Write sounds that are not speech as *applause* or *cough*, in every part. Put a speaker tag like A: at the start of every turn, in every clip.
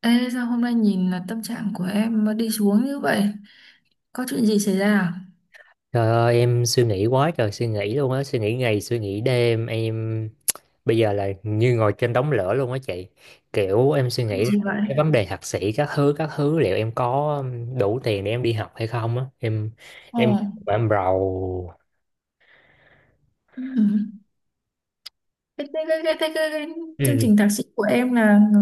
A: Ê, sao hôm nay nhìn là tâm trạng của em mà đi xuống như vậy? Có chuyện gì xảy ra à?
B: Trời ơi, em suy nghĩ quá trời suy nghĩ luôn á. Suy nghĩ ngày suy nghĩ đêm. Em bây giờ là như ngồi trên đống lửa luôn á chị. Kiểu em suy nghĩ
A: Chuyện
B: là
A: gì vậy?
B: cái vấn đề thạc sĩ các thứ các thứ. Liệu em có đủ tiền để em đi học hay không á.
A: Ồ.
B: Em em rầu.
A: Ừ. Cái chương
B: Ừ.
A: trình thạc sĩ của em là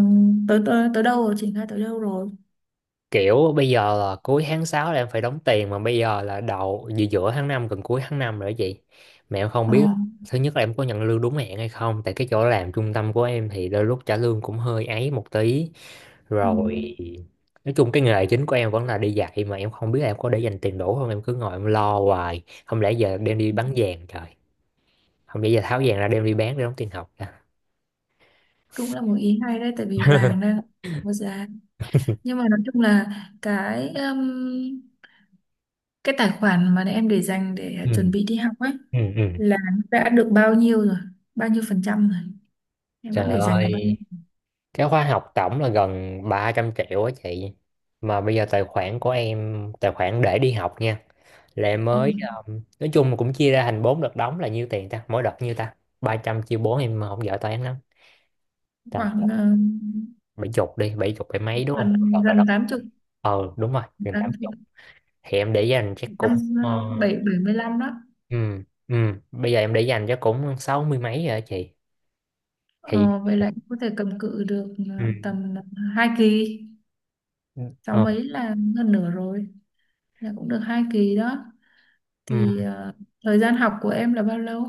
A: tới tới tới đâu rồi, triển khai tới đâu rồi?
B: Kiểu bây giờ là cuối tháng sáu là em phải đóng tiền. Mà bây giờ là đầu giữa giữa tháng 5 gần cuối tháng 5 rồi đó chị. Mà em không
A: Ồ.
B: biết. Thứ nhất là em có nhận lương đúng hẹn hay không. Tại cái chỗ làm trung tâm của em thì đôi lúc trả lương cũng hơi ấy một tí
A: Ừ.
B: rồi. Nói chung cái nghề chính của em vẫn là đi dạy, mà em không biết là em có để dành tiền đủ không. Em cứ ngồi em lo hoài, không lẽ giờ đem đi bán vàng trời. Không lẽ giờ tháo vàng ra đem đi bán để đóng tiền học ra.
A: Cũng là một ý hay đấy, tại vì vàng
B: *laughs*
A: đang có giá. Nhưng mà nói chung là cái um, cái tài khoản mà em để dành để chuẩn
B: Ừ,
A: bị đi học ấy
B: ừ, ừ.
A: là đã được bao nhiêu rồi? Bao nhiêu phần trăm rồi? Em đã
B: Trời
A: để dành được bao nhiêu?
B: ơi, cái khóa học tổng là gần 300 triệu á chị. Mà bây giờ tài khoản của em, tài khoản để đi học nha, là em
A: Ừ.
B: mới nói chung là cũng chia ra thành bốn đợt đóng, là nhiêu tiền ta, mỗi đợt nhiêu ta. Ba trăm chia bốn, em mà không giỏi toán lắm. Tầm
A: Khoảng
B: 70 đi, bảy chục bảy mấy đúng không, đợt
A: gần
B: là
A: gần
B: đóng.
A: tám chục,
B: Ờ đúng rồi, gần
A: 80,
B: 80. Thì em để dành chắc cũng,
A: năm,
B: ờ,
A: bảy bảy mươi lăm đó.
B: ừ, ừ, bây giờ em để dành chắc cũng sáu mươi mấy rồi á chị. Thì
A: Ờ, Vậy là em có thể cầm cự được
B: ừ.
A: tầm hai kỳ, sáu
B: ờ,
A: mấy là gần nửa rồi, là cũng được 2 kỳ đó.
B: ừ,
A: Thì thời gian học của em là bao lâu?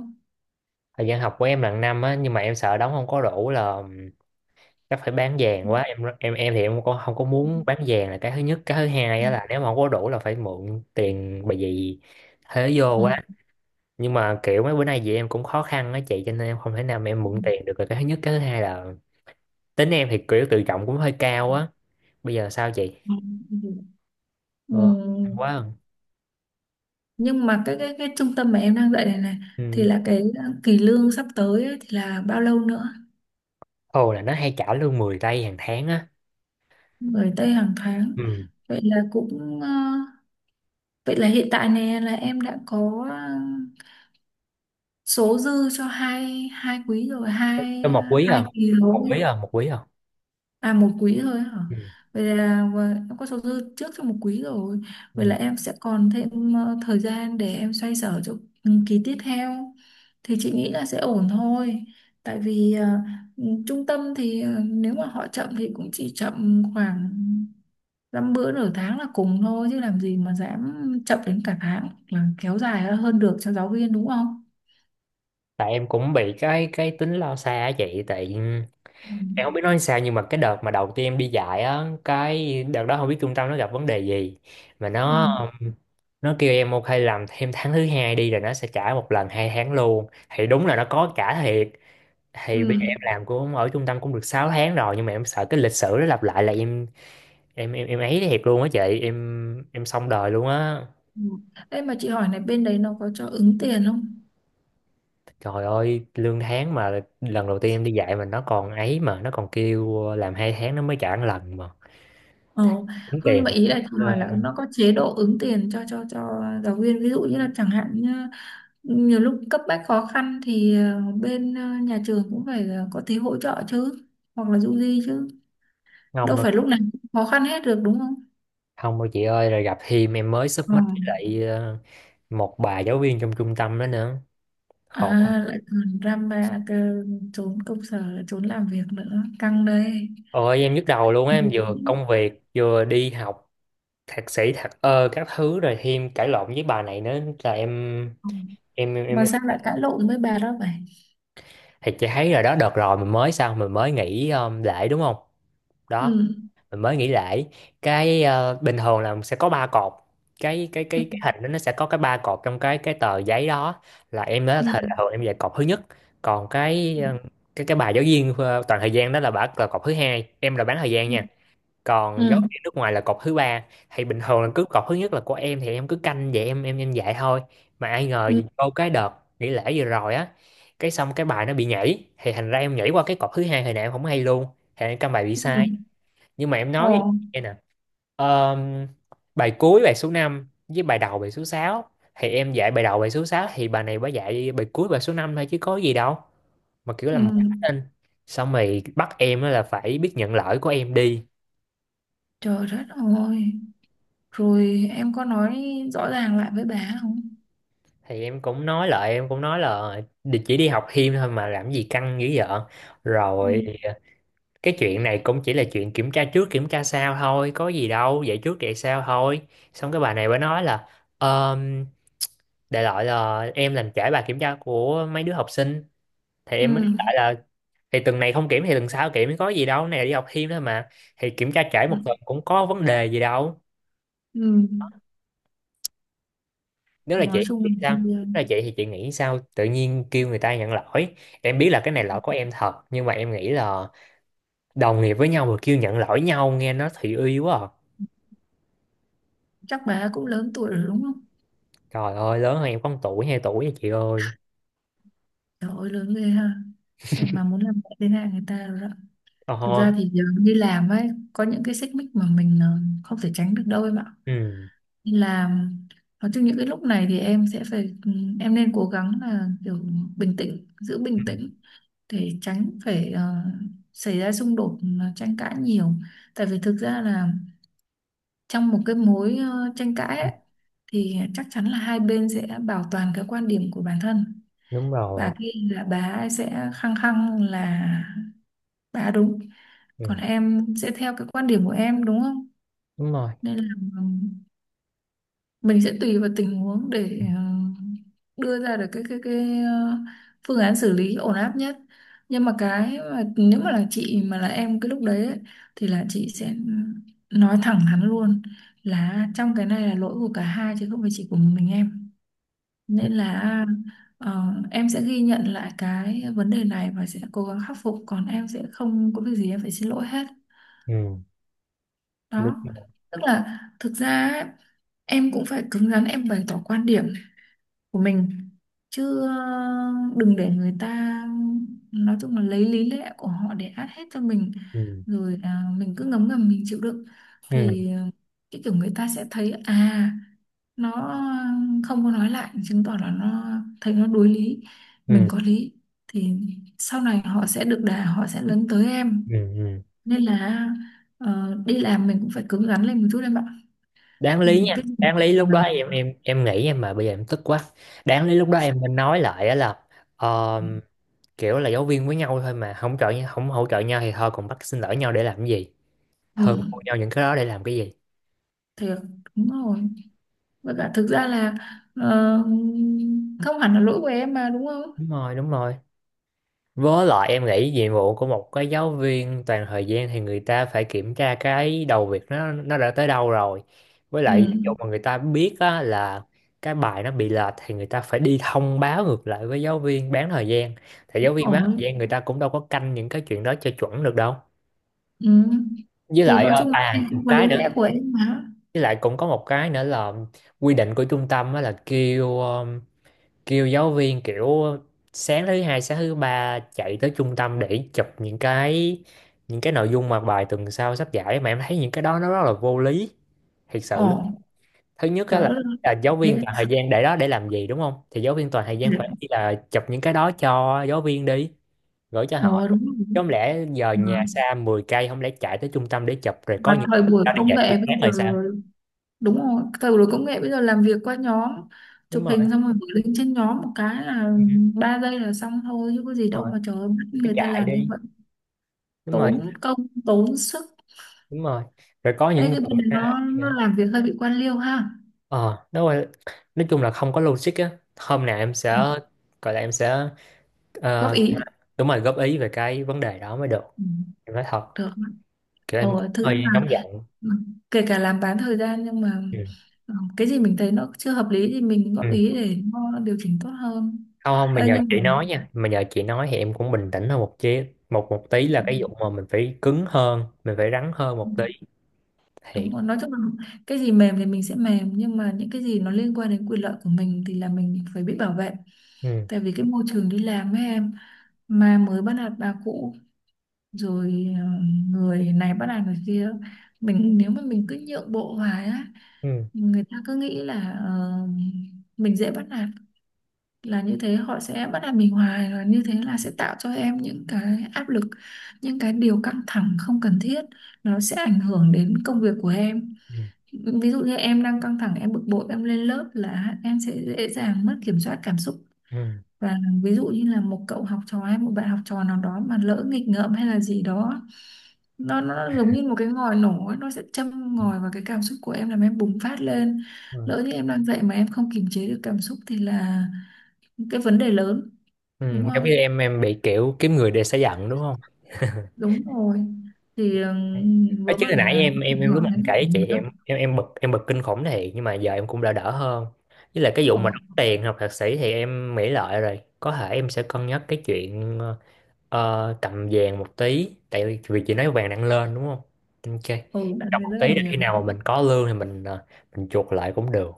B: thời gian học của em là năm á, nhưng mà em sợ đóng không có đủ, là chắc phải bán vàng quá. Em thì em không có muốn bán vàng là cái thứ nhất. Cái thứ hai á là nếu mà không có đủ là phải mượn tiền, bởi vì thế vô
A: Ờ.
B: quá. Nhưng mà kiểu mấy bữa nay chị em cũng khó khăn á chị, cho nên em không thể nào mà em mượn tiền được. Rồi cái thứ nhất, cái thứ hai là tính em thì kiểu tự trọng cũng hơi cao á. Bây giờ sao chị?
A: Ừ.
B: Ờ, hay quá à.
A: Nhưng mà cái trung tâm mà em đang dạy này này thì
B: Ừ.
A: là cái kỳ lương sắp tới ấy, thì là bao lâu nữa?
B: Ồ, là nó hay trả lương 10 tây hàng tháng á.
A: Gửi Tây hàng tháng.
B: Ừ.
A: Vậy là cũng ờ, Vậy là hiện tại này là em đã có số dư cho hai hai quý rồi, hai
B: Cho
A: ờ,
B: một quý à,
A: hai kỳ
B: một quý
A: rồi.
B: à, một quý à.
A: À, một quý thôi hả?
B: Ừ.
A: Vậy là em có số dư trước cho một quý rồi.
B: Ừ.
A: Vậy là em sẽ còn thêm thời gian để em xoay sở cho kỳ tiếp theo. Thì chị nghĩ là sẽ ổn thôi. Tại vì trung tâm thì nếu mà họ chậm thì cũng chỉ chậm khoảng dăm bữa nửa tháng là cùng thôi, chứ làm gì mà dám chậm đến cả tháng hoặc là kéo dài hơn được cho giáo viên đúng không?
B: Tại em cũng bị cái tính lo xa á chị, tại
A: Ừ.
B: em không biết nói sao, nhưng mà cái đợt mà đầu tiên em đi dạy á, cái đợt đó không biết trung tâm nó gặp vấn đề gì mà
A: Ừ.
B: nó kêu em ok làm thêm tháng thứ hai đi rồi nó sẽ trả một lần 2 tháng luôn, thì đúng là nó có trả thiệt. Thì bây giờ
A: Ừ.
B: em làm cũng ở trung tâm cũng được 6 tháng rồi, nhưng mà em sợ cái lịch sử nó lặp lại, là em ấy thiệt luôn á chị. Em xong đời luôn á.
A: Ừ. Ê, mà chị hỏi này, bên đấy nó có cho ứng tiền không?
B: Trời ơi, lương tháng mà lần đầu tiên em đi dạy mà nó còn ấy, mà nó còn kêu làm hai tháng nó mới trả một lần mà.
A: Ờ,
B: Đúng
A: không,
B: tiền.
A: nhưng mà ý là chị
B: Ờ,
A: hỏi là nó có chế độ ứng tiền cho giáo viên, ví dụ như là chẳng hạn như nhiều lúc cấp bách khó khăn thì bên nhà trường cũng phải có tí hỗ trợ chứ, hoặc là du di chứ,
B: không
A: đâu
B: đâu,
A: phải lúc nào cũng khó khăn hết được đúng không?
B: không đâu chị ơi. Rồi gặp thêm em mới sub mắt, với lại một bà giáo viên trong trung tâm đó nữa.
A: À,
B: Khổ.
A: lại còn drama cơ, trốn công sở, trốn làm việc nữa. Căng đây.
B: Ôi em nhức đầu luôn á, em vừa
A: Ừ.
B: công việc vừa đi học thạc sĩ thạc ơ các thứ rồi thêm cãi lộn với bà này nữa là em
A: Ừ.
B: em em
A: Mà
B: em
A: sao lại cãi lộn với bà đó vậy?
B: Thì chị thấy rồi đó, đợt rồi mình mới, sao mình mới nghỉ lễ đúng không. Đó,
A: Ừ.
B: mình mới nghỉ lễ. Bình thường là sẽ có ba cột. cái cái
A: Ừ.
B: cái cái hình đó nó sẽ có cái ba cột trong cái tờ giấy đó, là em đó,
A: Ừ.
B: là thường em dạy cột thứ nhất. Còn cái bài giáo viên toàn thời gian đó là bả, là cột thứ hai. Em là bán thời gian
A: Ừ.
B: nha. Còn giáo
A: Ừ.
B: viên nước ngoài là cột thứ ba. Thì bình thường là cứ cột thứ nhất là của em, thì em cứ canh vậy em em dạy thôi. Mà ai ngờ
A: Ừ.
B: vô cái đợt nghỉ lễ vừa rồi á, cái xong cái bài nó bị nhảy thì thành ra em nhảy qua cái cột thứ hai, hồi nãy em không hay luôn, thì em căn bài bị
A: Ừ.
B: sai. Nhưng mà em nói với chị
A: Ồ.
B: nghe nè: "Ờm, Bài cuối bài số 5 với bài đầu bài số sáu, thì em dạy bài đầu bài số sáu, thì bà này bà dạy bài cuối bài số 5 thôi chứ có gì đâu, mà kiểu
A: Ừ.
B: làm quá lên. Xong rồi bắt em á là phải biết nhận lỗi của em đi.
A: Trời đất ơi. Rồi em có nói rõ ràng lại với bà không?
B: Thì em cũng nói lại, em cũng nói là chỉ đi học thêm thôi mà làm gì căng dữ vậy.
A: Ừ.
B: Rồi cái chuyện này cũng chỉ là chuyện kiểm tra trước kiểm tra sau thôi, có gì đâu, dạy trước dạy sau thôi. Xong cái bà này mới nói là um, đại loại là em làm trễ bài kiểm tra của mấy đứa học sinh. Thì em mới
A: Ừ.
B: nói lại là thì tuần này không kiểm thì tuần sau kiểm có gì đâu, này là đi học thêm thôi mà, thì kiểm tra trễ
A: Ừ.
B: 1 tuần cũng có vấn đề gì đâu.
A: Ừ.
B: nếu là
A: Nói
B: chị
A: chung
B: chị
A: là
B: sao
A: bây
B: Nếu
A: giờ
B: là chị thì chị nghĩ sao, tự nhiên kêu người ta nhận lỗi. Em biết là cái này lỗi của em thật, nhưng mà em nghĩ là đồng nghiệp với nhau mà kêu nhận lỗi nhau nghe nó thị uy quá à.
A: chắc bà cũng lớn tuổi rồi đúng không?
B: Trời ơi, lớn hơn em có 1 tuổi 2 tuổi nha chị ơi.
A: Trời ơi lớn ghê ha. Vậy mà muốn làm mẹ thế này người ta rồi đó.
B: Ờ
A: Thực ra
B: ha.
A: thì giờ đi làm ấy có những cái xích mích mà mình không thể tránh được đâu em ạ.
B: Ừ
A: Đi làm nói chung những cái lúc này thì em sẽ phải em nên cố gắng là kiểu bình tĩnh, giữ bình tĩnh, để tránh phải xảy ra xung đột, tranh cãi nhiều. Tại vì thực ra là trong một cái mối tranh cãi ấy, thì chắc chắn là hai bên sẽ bảo toàn cái quan điểm của bản thân.
B: đúng rồi.
A: Bà kia là bà ấy sẽ khăng khăng là bà đúng,
B: Ừ
A: còn em sẽ theo cái quan điểm của em đúng không,
B: đúng rồi.
A: nên là ừm, mình sẽ tùy vào tình huống để đưa ra được cái phương án xử lý ổn áp nhất, nhưng mà cái mà nếu mà là chị mà là em cái lúc đấy ấy, thì là chị sẽ nói thẳng hắn luôn, là trong cái này là lỗi của cả hai chứ không phải chỉ của mình em,
B: Ừ.
A: nên là em sẽ ghi nhận lại cái vấn đề này và sẽ cố gắng khắc phục, còn em sẽ không có việc gì em phải xin lỗi hết.
B: Ừ, đúng
A: Đó,
B: rồi.
A: tức là thực ra ấy, em cũng phải cứng rắn, em bày tỏ quan điểm của mình chứ, đừng để người ta, nói chung là lấy lý lẽ của họ để át hết cho mình,
B: Ừ,
A: rồi mình cứ ngấm ngầm mình chịu đựng
B: ừ,
A: thì cái kiểu người ta sẽ thấy nó không có nói lại, chứng tỏ là nó thấy nó đối lý, mình
B: ừ,
A: có lý, thì sau này họ sẽ được đà họ sẽ lấn tới
B: ừ,
A: em,
B: ừ.
A: nên là đi làm mình cũng phải cứng rắn lên một chút em ạ.
B: Đáng
A: Ừ,
B: lý nha,
A: cái gì
B: đáng lý lúc
A: mà
B: đó em em nghĩ em, mà bây giờ em tức quá. Đáng lý lúc đó em nên nói lại á, là ờ, kiểu là giáo viên với nhau thôi mà không hỗ trợ nhau thì thôi, còn bắt xin lỗi nhau để làm cái gì,
A: ừ,
B: hơn thua nhau những cái đó để làm cái gì.
A: thiệt, đúng rồi. Và cả thực ra là ờ, không hẳn là lỗi của em mà đúng không.
B: Đúng rồi, đúng rồi. Với lại em nghĩ nhiệm vụ của một cái giáo viên toàn thời gian thì người ta phải kiểm tra cái đầu việc nó đã tới đâu rồi. Với lại ví dụ
A: Ừ,
B: mà người ta biết á, là cái bài nó bị lệch thì người ta phải đi thông báo ngược lại với giáo viên bán thời gian. Thì giáo viên bán thời
A: ổn.
B: gian người ta cũng đâu có canh những cái chuyện đó cho chuẩn được đâu.
A: Ừ.
B: Với
A: Thì
B: lại
A: nói chung là em
B: à một
A: cũng có
B: cái
A: lý
B: nữa,
A: lẽ của em mà.
B: với lại cũng có một cái nữa là quy định của trung tâm á, là kêu giáo viên kiểu sáng thứ hai sáng thứ ba chạy tới trung tâm để chụp những cái nội dung mà bài tuần sau sắp giải, mà em thấy những cái đó nó rất là vô lý, thiệt sự luôn.
A: Ổn.
B: Thứ nhất á
A: Trời
B: là,
A: đất ơi.
B: giáo viên
A: Thế.
B: toàn thời gian để đó để làm gì đúng không, thì giáo viên toàn thời gian phải đi là chụp những cái đó cho giáo viên đi gửi cho họ
A: Ồ, đúng rồi.
B: chứ. Không lẽ giờ
A: mà,
B: nhà xa 10 cây, không lẽ chạy tới trung tâm để chụp, rồi có
A: mà
B: những,
A: thời buổi
B: đó đi
A: công
B: dạy buổi
A: nghệ bây
B: sáng
A: giờ,
B: rồi sao.
A: đúng rồi, thời buổi công nghệ bây giờ làm việc qua nhóm,
B: Đúng
A: chụp
B: rồi,
A: hình xong rồi gửi link trên nhóm một cái là
B: đúng
A: 3 giây là xong thôi, chứ có gì đâu
B: rồi,
A: mà, trời ơi, bắt
B: phải
A: người ta
B: chạy
A: làm như
B: đi.
A: vậy,
B: Đúng rồi,
A: tốn công tốn sức.
B: đúng rồi. Rồi có
A: Ê,
B: những người
A: cái bên này
B: ra.
A: nó làm việc hơi bị quan liêu ha.
B: Ờ, đúng rồi. Nói chung là không có logic á. Hôm nào em sẽ
A: Ừ,
B: gọi là em sẽ,
A: góp
B: ờ,
A: ý.
B: đúng rồi góp ý về cái vấn đề đó mới được.
A: Ừ,
B: Em nói thật,
A: được
B: kiểu em cũng
A: rồi, thực ra
B: hơi nóng
A: là
B: giận.
A: kể cả làm bán thời gian nhưng mà
B: Ừ.
A: cái gì mình thấy nó chưa hợp lý thì mình
B: Ừ.
A: góp ý để nó điều chỉnh tốt hơn.
B: Không, không, mà
A: Ê,
B: nhờ
A: nhưng
B: chị nói nha. Mà nhờ chị nói thì em cũng bình tĩnh hơn một chí một một tí, là cái vụ mà mình phải cứng hơn, mình phải rắn hơn một tí.
A: mà
B: Thiệt.
A: đúng rồi. Nói chung là cái gì mềm thì mình sẽ mềm, nhưng mà những cái gì nó liên quan đến quyền lợi của mình thì là mình phải biết bảo vệ.
B: Ừ.
A: Tại vì cái môi trường đi làm với em mà mới bắt nạt bà cũ, rồi người này bắt nạt người kia, mình nếu mà mình cứ nhượng bộ hoài á,
B: Ừ.
A: người ta cứ nghĩ là mình dễ bắt nạt, là như thế họ sẽ bắt nạt mình hoài và như thế là sẽ tạo cho em những cái áp lực, những cái điều căng thẳng không cần thiết, nó sẽ ảnh hưởng đến công việc của em.
B: Ừ.
A: Ví dụ như em đang căng thẳng em bực bội em lên lớp là em sẽ dễ dàng mất kiểm soát cảm xúc,
B: Ừ.
A: và ví dụ như là một cậu học trò hay một bạn học trò nào đó mà lỡ nghịch ngợm hay là gì đó, nó giống như một cái ngòi nổ ấy, nó sẽ châm
B: Ừ.
A: ngòi vào cái cảm xúc của em làm em bùng phát lên.
B: Ừ.
A: Lỡ như em đang dạy mà em không kiềm chế được cảm xúc thì là cái vấn đề lớn,
B: Ừ,
A: đúng
B: giống như
A: không?
B: em bị kiểu kiếm người để xả giận đúng không?
A: Đúng rồi. Thì
B: Ở
A: vớ
B: chứ
A: vẩn
B: hồi nãy
A: là
B: em
A: nó ảnh
B: em em lúc mà
A: hưởng
B: em kể
A: đến của
B: với chị
A: mình đó.
B: em bực, em bực kinh khủng thiệt, nhưng mà giờ em cũng đã đỡ hơn. Với lại cái vụ
A: Ồ.
B: mà đóng tiền học thạc sĩ thì em nghĩ lại rồi, có thể em sẽ cân nhắc cái chuyện cầm vàng một tí, tại vì vì chị nói vàng đang lên đúng không. Ok.
A: Ừ, đã
B: Cầm
A: thấy
B: một
A: rất là
B: tí để
A: nhiều.
B: khi nào mà mình có lương thì mình chuộc lại cũng được.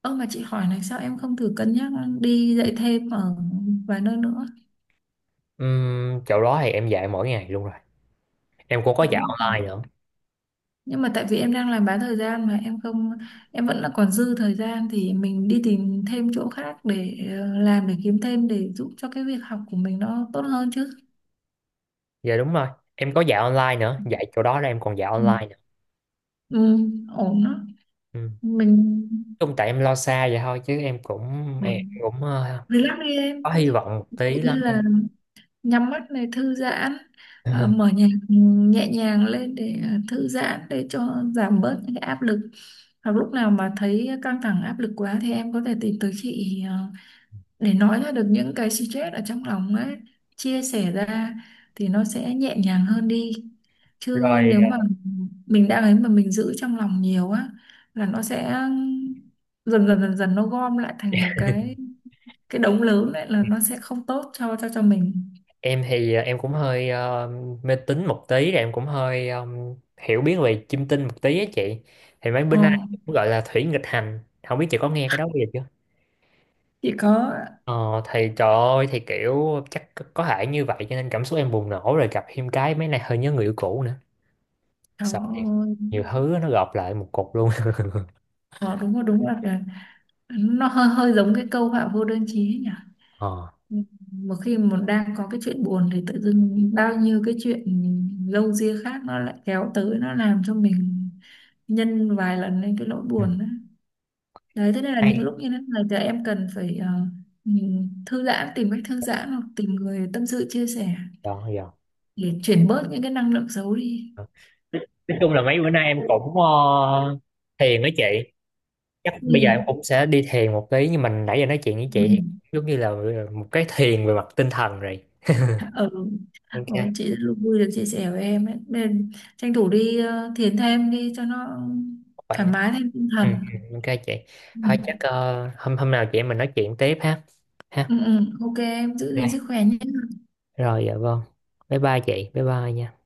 A: Ơ, mà chị hỏi này, sao em không thử cân nhắc đi dạy thêm ở vài nơi nữa?
B: Chỗ đó thì em dạy mỗi ngày luôn rồi, em cũng có
A: Tại
B: dạy
A: mỗi,
B: online nữa.
A: nhưng mà tại vì em đang làm bán thời gian mà em không, em vẫn là còn dư thời gian thì mình đi tìm thêm chỗ khác để làm để kiếm thêm, để giúp cho cái việc học của mình nó tốt hơn chứ.
B: Dạ đúng rồi, em có dạy online nữa, dạy chỗ đó là em còn dạy
A: Ừ,
B: online nữa.
A: ừ, ổn đó.
B: Ừ.
A: Mình.
B: Chung tại em lo xa vậy thôi, chứ em cũng
A: Ừ,
B: em cũng ờ,
A: relax đi em.
B: có hy vọng một
A: Tự
B: tí
A: nhiên
B: lắm
A: là
B: em.
A: nhắm mắt này thư giãn, mở
B: *laughs*
A: nhạc nhẹ nhàng lên để thư giãn để cho giảm bớt những cái áp lực, hoặc lúc nào mà thấy căng thẳng áp lực quá thì em có thể tìm tới chị để nói ra được những cái stress ở trong lòng ấy, chia sẻ ra thì nó sẽ nhẹ nhàng hơn đi, chứ
B: Rồi
A: nếu mà mình đang ấy mà mình giữ trong lòng nhiều á là nó sẽ dần dần dần dần nó gom lại thành một cái đống lớn đấy là nó sẽ không tốt cho mình.
B: em thì em cũng hơi mê tín một tí, rồi em cũng hơi hiểu biết về chiêm tinh một tí á chị. Thì mấy
A: Ờ.
B: bên anh cũng gọi là thủy nghịch hành, không biết chị có nghe cái đó bao giờ chưa.
A: Chị có.
B: Ờ thì trời ơi, thì kiểu chắc có thể như vậy, cho nên cảm xúc em bùng nổ, rồi gặp thêm cái mấy này hơi nhớ người yêu cũ nữa. Sợ thiệt,
A: Cháu.
B: nhiều thứ nó gộp lại một cục luôn.
A: Ờ, đúng rồi, đúng là nó hơi hơi giống cái câu họa vô đơn chí ấy nhỉ,
B: *laughs* ờ
A: một khi mà đang có cái chuyện buồn thì tự dưng bao nhiêu cái chuyện râu ria khác nó lại kéo tới, nó làm cho mình nhân vài lần lên cái nỗi
B: ừ.
A: buồn đó. Đấy thế nên là những
B: Hay
A: lúc như thế này thì em cần phải nhìn thư giãn, tìm cách thư giãn, hoặc tìm người tâm sự chia sẻ
B: rồi.
A: để chuyển bớt những cái năng lượng xấu đi.
B: Ờ, nói chung là mấy bữa nay em cũng thiền với chị, chắc bây giờ em
A: Ừ.
B: cũng sẽ đi thiền một tí, nhưng mình nãy giờ nói chuyện với
A: Ừ.
B: chị thì giống như là một cái thiền về mặt tinh thần rồi.
A: Ừ.
B: Ok
A: Ồ, chị rất là vui được chia sẻ với em ấy. Nên tranh thủ đi thiền thêm đi cho nó
B: khỏe.
A: thoải mái thêm tinh
B: Ừ,
A: thần.
B: ừ, ok chị.
A: Ừ.
B: Thôi chắc hôm hôm nào chị em mình nói chuyện tiếp ha. Ha.
A: Ừ, ừ. OK em giữ gìn
B: Đây
A: sức khỏe nhé.
B: rồi, dạ vâng, bye bye chị, bye bye nha.